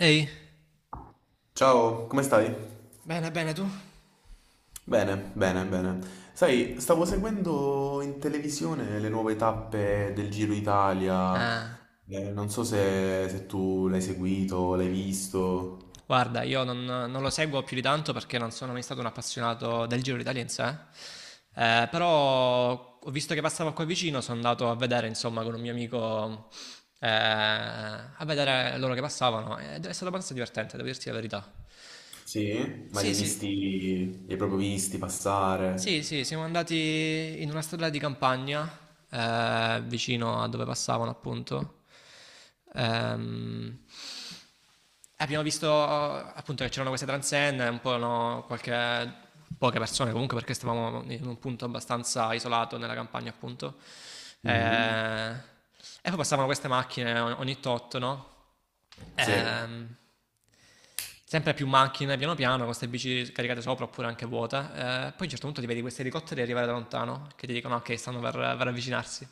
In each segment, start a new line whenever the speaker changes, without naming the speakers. Ehi.
Ciao, come stai?
Bene, bene, tu?
Bene, bene, bene. Sai, stavo seguendo in televisione le nuove tappe del Giro Italia.
Ah,
Non so se tu l'hai seguito, l'hai visto.
guarda, io non lo seguo più di tanto, perché non sono mai stato un appassionato del Giro d'Italia in sé. Però ho visto che passavo qua vicino, sono andato a vedere insomma con un mio amico, a vedere loro che passavano, ed è stato abbastanza divertente, devo dirti la verità.
Sì? Ma li
Sì,
hai
sì,
visti, li hai proprio visti passare?
sì, sì, siamo andati in una strada di campagna, vicino a dove passavano appunto. Ehm, Abbiamo visto appunto che c'erano queste transenne, un po', no, qualche, poche persone comunque, perché stavamo in un punto abbastanza isolato nella campagna appunto.
Mhm.
Eh, E poi passavano queste macchine ogni tot, no?
Sì.
Ehm, Sempre più macchine, piano piano, con queste bici caricate sopra oppure anche vuote. Poi a un certo punto ti vedi questi elicotteri arrivare da lontano, che ti dicono ok, stanno per avvicinarsi.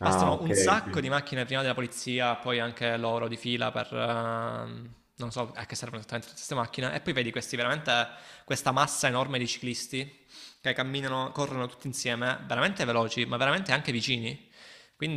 Ah,
Passano
ok,
un
ok.
sacco di macchine prima della polizia, poi anche loro di fila per... non so a che servono esattamente tutte queste macchine. E poi vedi questi veramente, questa massa enorme di ciclisti che camminano, corrono tutti insieme, veramente veloci, ma veramente anche vicini.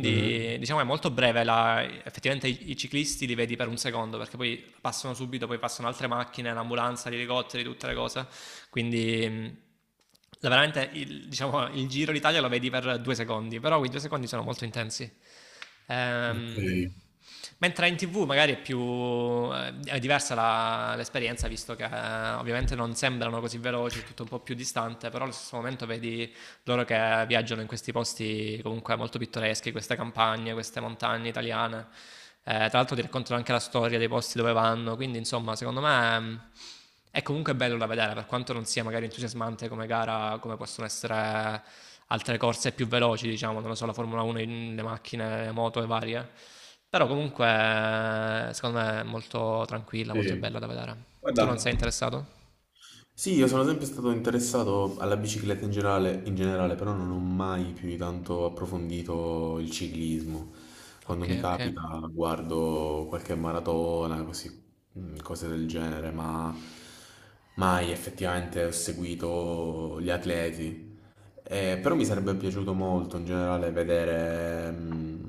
Mhm.
diciamo è molto breve, effettivamente i ciclisti li vedi per un secondo, perché poi passano subito, poi passano altre macchine, l'ambulanza, gli elicotteri, tutte le cose. Quindi veramente il, diciamo, il Giro d'Italia lo vedi per due secondi, però quei due secondi sono molto intensi.
Ok.
Ehm, Mentre in TV magari è più è diversa l'esperienza, visto che ovviamente non sembrano così veloci, è tutto un po' più distante, però allo stesso momento vedi loro che viaggiano in questi posti comunque molto pittoreschi, queste campagne, queste montagne italiane. Tra l'altro ti raccontano anche la storia dei posti dove vanno, quindi insomma secondo me è comunque bello da vedere, per quanto non sia magari entusiasmante come gara, come possono essere altre corse più veloci, diciamo, non lo so, la Formula 1, le macchine, le moto e varie. Però comunque secondo me è molto tranquilla, molto
Sì.
bella da vedere. Tu non
Guarda,
sei interessato?
sì, io sono sempre stato interessato alla bicicletta in generale, però non ho mai più di tanto approfondito il ciclismo. Quando
Ok,
mi
ok.
capita guardo qualche maratona, così, mm, cose del genere, ma mai effettivamente ho seguito gli atleti. Però mi sarebbe piaciuto molto in generale vedere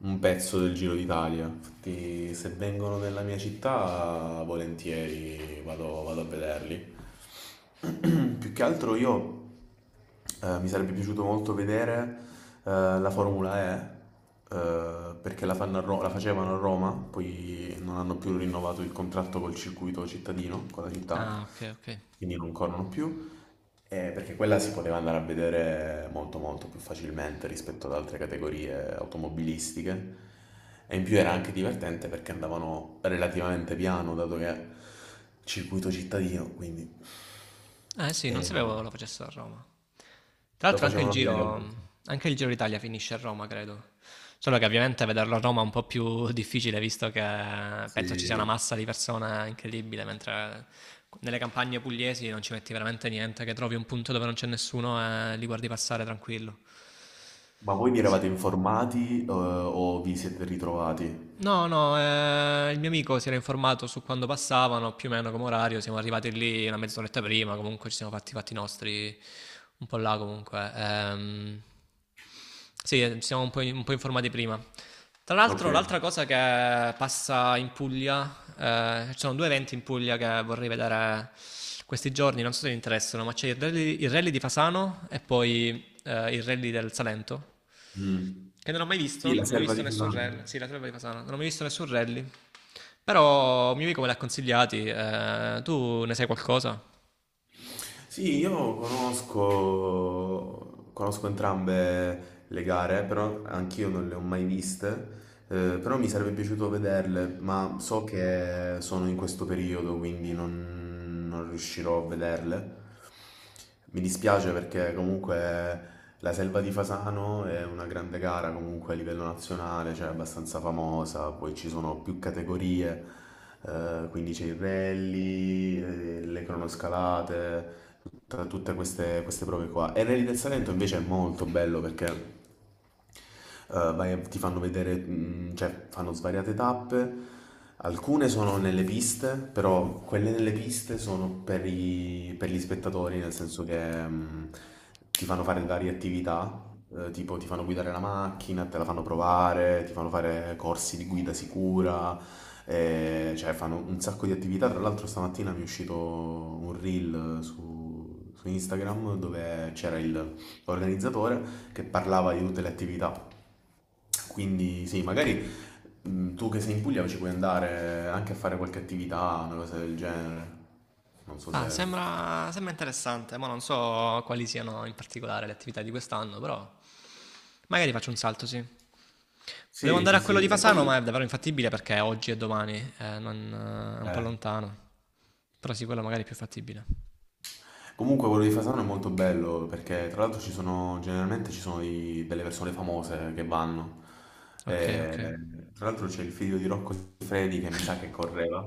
un pezzo del Giro d'Italia. Infatti, se vengono nella mia città, volentieri vado, vado a vederli. Più che altro io mi sarebbe piaciuto molto vedere eh, la Formula E, perché la fanno a la facevano a Roma, poi non hanno più rinnovato il contratto col circuito cittadino, con la città,
Ah, ok, ok.
quindi non corrono più, perché quella si poteva andare a vedere molto più facilmente rispetto ad altre categorie automobilistiche, e in più era anche divertente perché andavano relativamente piano dato che circuito cittadino, quindi
Eh sì, non
eh,
sapevo lo facessero a Roma. Tra
lo
l'altro
facevano a Leo.
Anche il Giro d'Italia finisce a Roma, credo. Solo che ovviamente vederlo a Roma è un po' più difficile, visto che penso ci sia una
Sì.
massa di persone incredibile, mentre nelle campagne pugliesi non ci metti veramente niente, che trovi un punto dove non c'è nessuno e li guardi passare tranquillo.
Ma voi vi
Sì.
eravate informati, o vi siete ritrovati?
No, no, il mio amico si era informato su quando passavano, più o meno come orario, siamo arrivati lì una mezz'oretta prima, comunque ci siamo fatti i fatti nostri un po' là comunque. Sì, ci siamo un po', un po' informati prima. Tra l'altro,
Ok.
l'altra cosa che passa in Puglia, ci sono due eventi in Puglia che vorrei vedere questi giorni, non so se vi interessano, ma c'è il rally di Fasano e poi il rally del Salento.
Mm.
Che non ho mai visto,
Sì, la
non ho mai
selva
visto
di
nessun rally.
Cusano.
Sì, la trova di Fasano, non ho mai visto nessun rally. Però un mio amico me li ha consigliati. Eh, tu ne sai qualcosa?
Sì, io conosco entrambe le gare, però anch'io non le ho mai viste, però mi sarebbe piaciuto vederle, ma so che sono in questo periodo, quindi non riuscirò a vederle. Mi dispiace perché comunque la Selva di Fasano è una grande gara comunque a livello nazionale, cioè abbastanza famosa, poi ci sono più categorie, quindi c'è il rally, le cronoscalate, tutte queste, queste prove qua. E il Rally del Salento invece è molto bello perché ti fanno vedere, mm, cioè fanno svariate tappe. Alcune sono nelle piste, però quelle nelle piste sono per gli spettatori, nel senso che mm, ti fanno fare varie attività, tipo ti fanno guidare la macchina, te la fanno provare, ti fanno fare corsi di guida sicura, cioè fanno un sacco di attività. Tra l'altro stamattina mi è uscito un reel su Instagram dove l'organizzatore che parlava di tutte le attività. Quindi sì, magari tu che sei in Puglia ci puoi andare anche a fare qualche attività, una cosa del genere. Non so
Ah,
se...
sembra, sembra interessante, ma non so quali siano in particolare le attività di quest'anno, però magari faccio un salto, sì. Volevo
Sì,
andare
sì,
a quello
sì.
di
E
Fasano,
poi...
ma è davvero infattibile, perché oggi e domani, è un po'
eh,
lontano. Però sì, quello magari è più fattibile.
comunque quello di Fasano è molto bello perché tra l'altro ci sono, generalmente ci sono delle persone famose che vanno.
Ok,
Eh,
ok.
Tra l'altro c'è il figlio di Rocco Siffredi che mi sa che correva,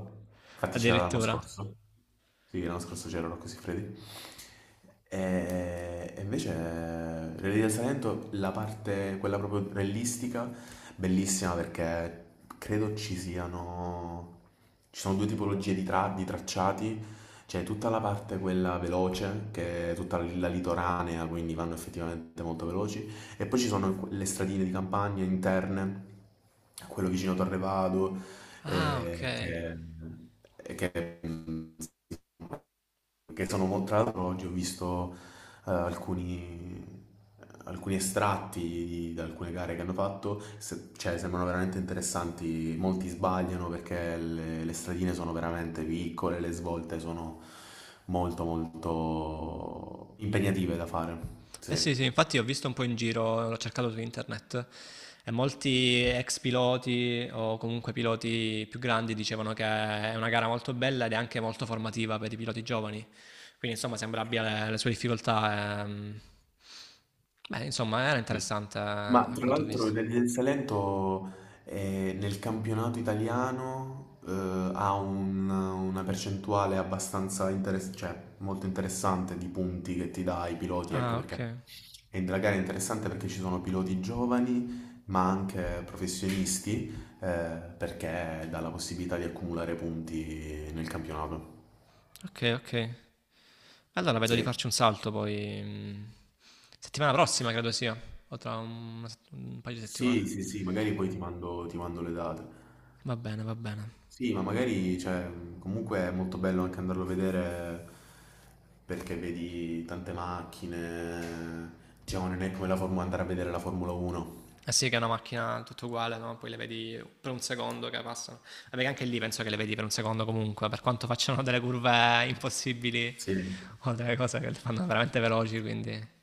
infatti c'era l'anno
Addirittura.
scorso. Sì, l'anno scorso c'era Rocco Siffredi. E invece, Relli del Salento, la parte, quella proprio rellistica, bellissima perché credo ci siano, ci sono due tipologie di tracciati. C'è tutta la parte quella veloce, che è tutta la litoranea, quindi vanno effettivamente molto veloci. E poi ci sono le stradine di campagna interne, quello vicino a Torre Vado,
Ah, ok.
eh, che, mm, perché sono contrario, oggi ho visto eh, alcuni, alcuni estratti da alcune gare che hanno fatto, cioè sembrano veramente interessanti, molti sbagliano perché le stradine sono veramente piccole, le svolte sono molto impegnative da fare,
Eh sì,
sì.
sì, infatti ho visto un po' in giro, l'ho cercato su internet, e molti ex piloti o comunque piloti più grandi dicevano che è una gara molto bella ed è anche molto formativa per i piloti giovani. Quindi insomma sembra abbia le sue difficoltà. Beh, insomma, era
Sì.
interessante,
Ma
a
tra
quanto ho
l'altro
visto.
il Rally del Salento, nel campionato italiano, una percentuale abbastanza interessante, cioè molto interessante di punti che ti dà ai piloti, ecco
Ah, ok,
perché. E la gara è interessante perché ci sono piloti giovani ma anche professionisti, perché dà la possibilità di accumulare punti nel campionato.
ok, ok. Allora vedo di
Sì,
farci un salto poi. Settimana prossima credo sia, o tra una un paio di
sì,
settimane.
sì, sì, magari poi ti mando le date.
Va bene, va bene.
Sì, ma magari, cioè, comunque è molto bello anche andarlo a vedere perché vedi tante macchine, diciamo, non è come la Formula, andare a vedere la Formula 1.
Eh sì, che è una macchina tutto uguale, no? Poi le vedi per un secondo che passano. Vabbè, che anche lì penso che le vedi per un secondo comunque, per quanto facciano delle curve impossibili
Sì.
o delle cose che le fanno veramente veloci, quindi...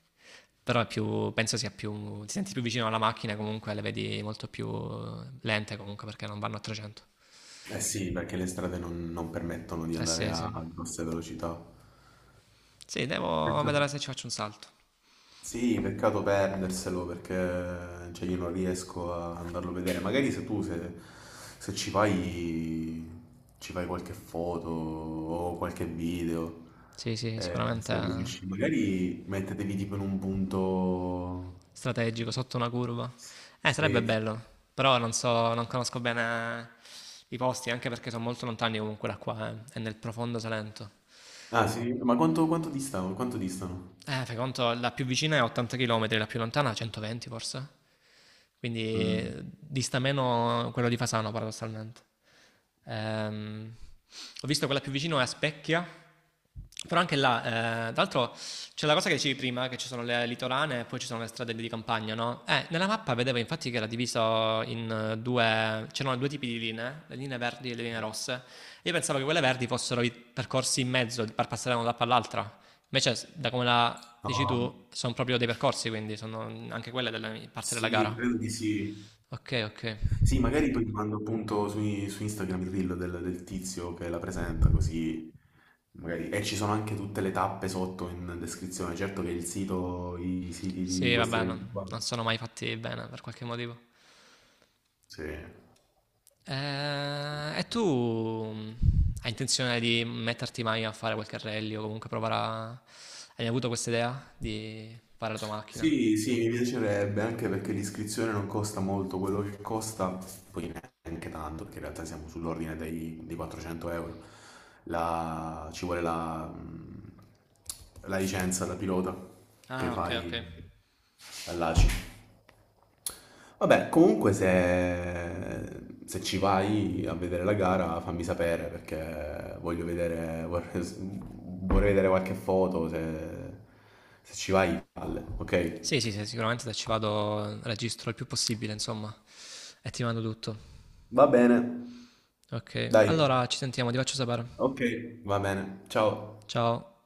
Però è più, penso sia più... ti senti più vicino alla macchina comunque, le vedi molto più lente comunque, perché non vanno a 300.
Eh sì, perché le strade non permettono di
Eh
andare
sì, sì.
a grosse velocità.
Sì, devo
Peccato.
vedere se ci faccio un salto.
Sì, peccato perderselo perché cioè, io non riesco a andarlo a vedere. Magari se tu se, se ci vai, ci fai qualche foto o qualche video.
Sì, sì, sicuramente
Se riesci, magari mettetevi tipo in un punto.
strategico sotto una curva. Sarebbe
Sì.
bello, però non so, non conosco bene i posti, anche perché sono molto lontani comunque da qua, eh. È nel profondo Salento.
Ah, sì, ma quanto distano? Quanto distano?
Fai conto, la più vicina è 80 km, la più lontana 120 forse. Quindi
Mm.
dista meno quello di Fasano, paradossalmente. Ehm, Ho visto quella più vicina è a Specchia, però anche là, tra l'altro c'è la cosa che dicevi prima, che ci sono le litorane e poi ci sono le strade di campagna, no? Nella mappa vedevo infatti che era diviso in due, c'erano due tipi di linee, le linee verdi e le linee rosse. Io pensavo che quelle verdi fossero i percorsi in mezzo per passare da una tappa all'altra. Invece, da come la dici
No,
tu, sono proprio dei percorsi, quindi sono anche quelle della parte della
sì,
gara.
credo di sì.
Ok, ok.
Sì, magari poi ti mando appunto su Instagram il reel del tizio che la presenta, così magari. E ci sono anche tutte le tappe sotto in descrizione. Certo che il sito, i siti di
Sì,
questi
vabbè,
eventi qua.
non sono mai fatti bene per qualche motivo.
Sì. Sì.
E tu hai intenzione di metterti mai a fare qualche rally o comunque provare a... hai avuto questa idea di fare la tua macchina?
Sì, sì, mi piacerebbe anche perché l'iscrizione non costa molto, quello che costa, poi neanche tanto, perché in realtà siamo sull'ordine dei 400 euro. Ci vuole la, la licenza da pilota che
Ah, ok, ok.
fai all'ACI. Vabbè, comunque se, se ci vai a vedere la gara fammi sapere perché voglio vedere, vorrei, vorrei vedere qualche foto, se, se ci vai, palle, ok?
Sì, sì, sì, sicuramente se ci vado registro il più possibile, insomma, e ti mando tutto.
Va bene,
Ok,
dai.
allora ci sentiamo, ti faccio sapere.
Ok, va bene. Ciao.
Ciao.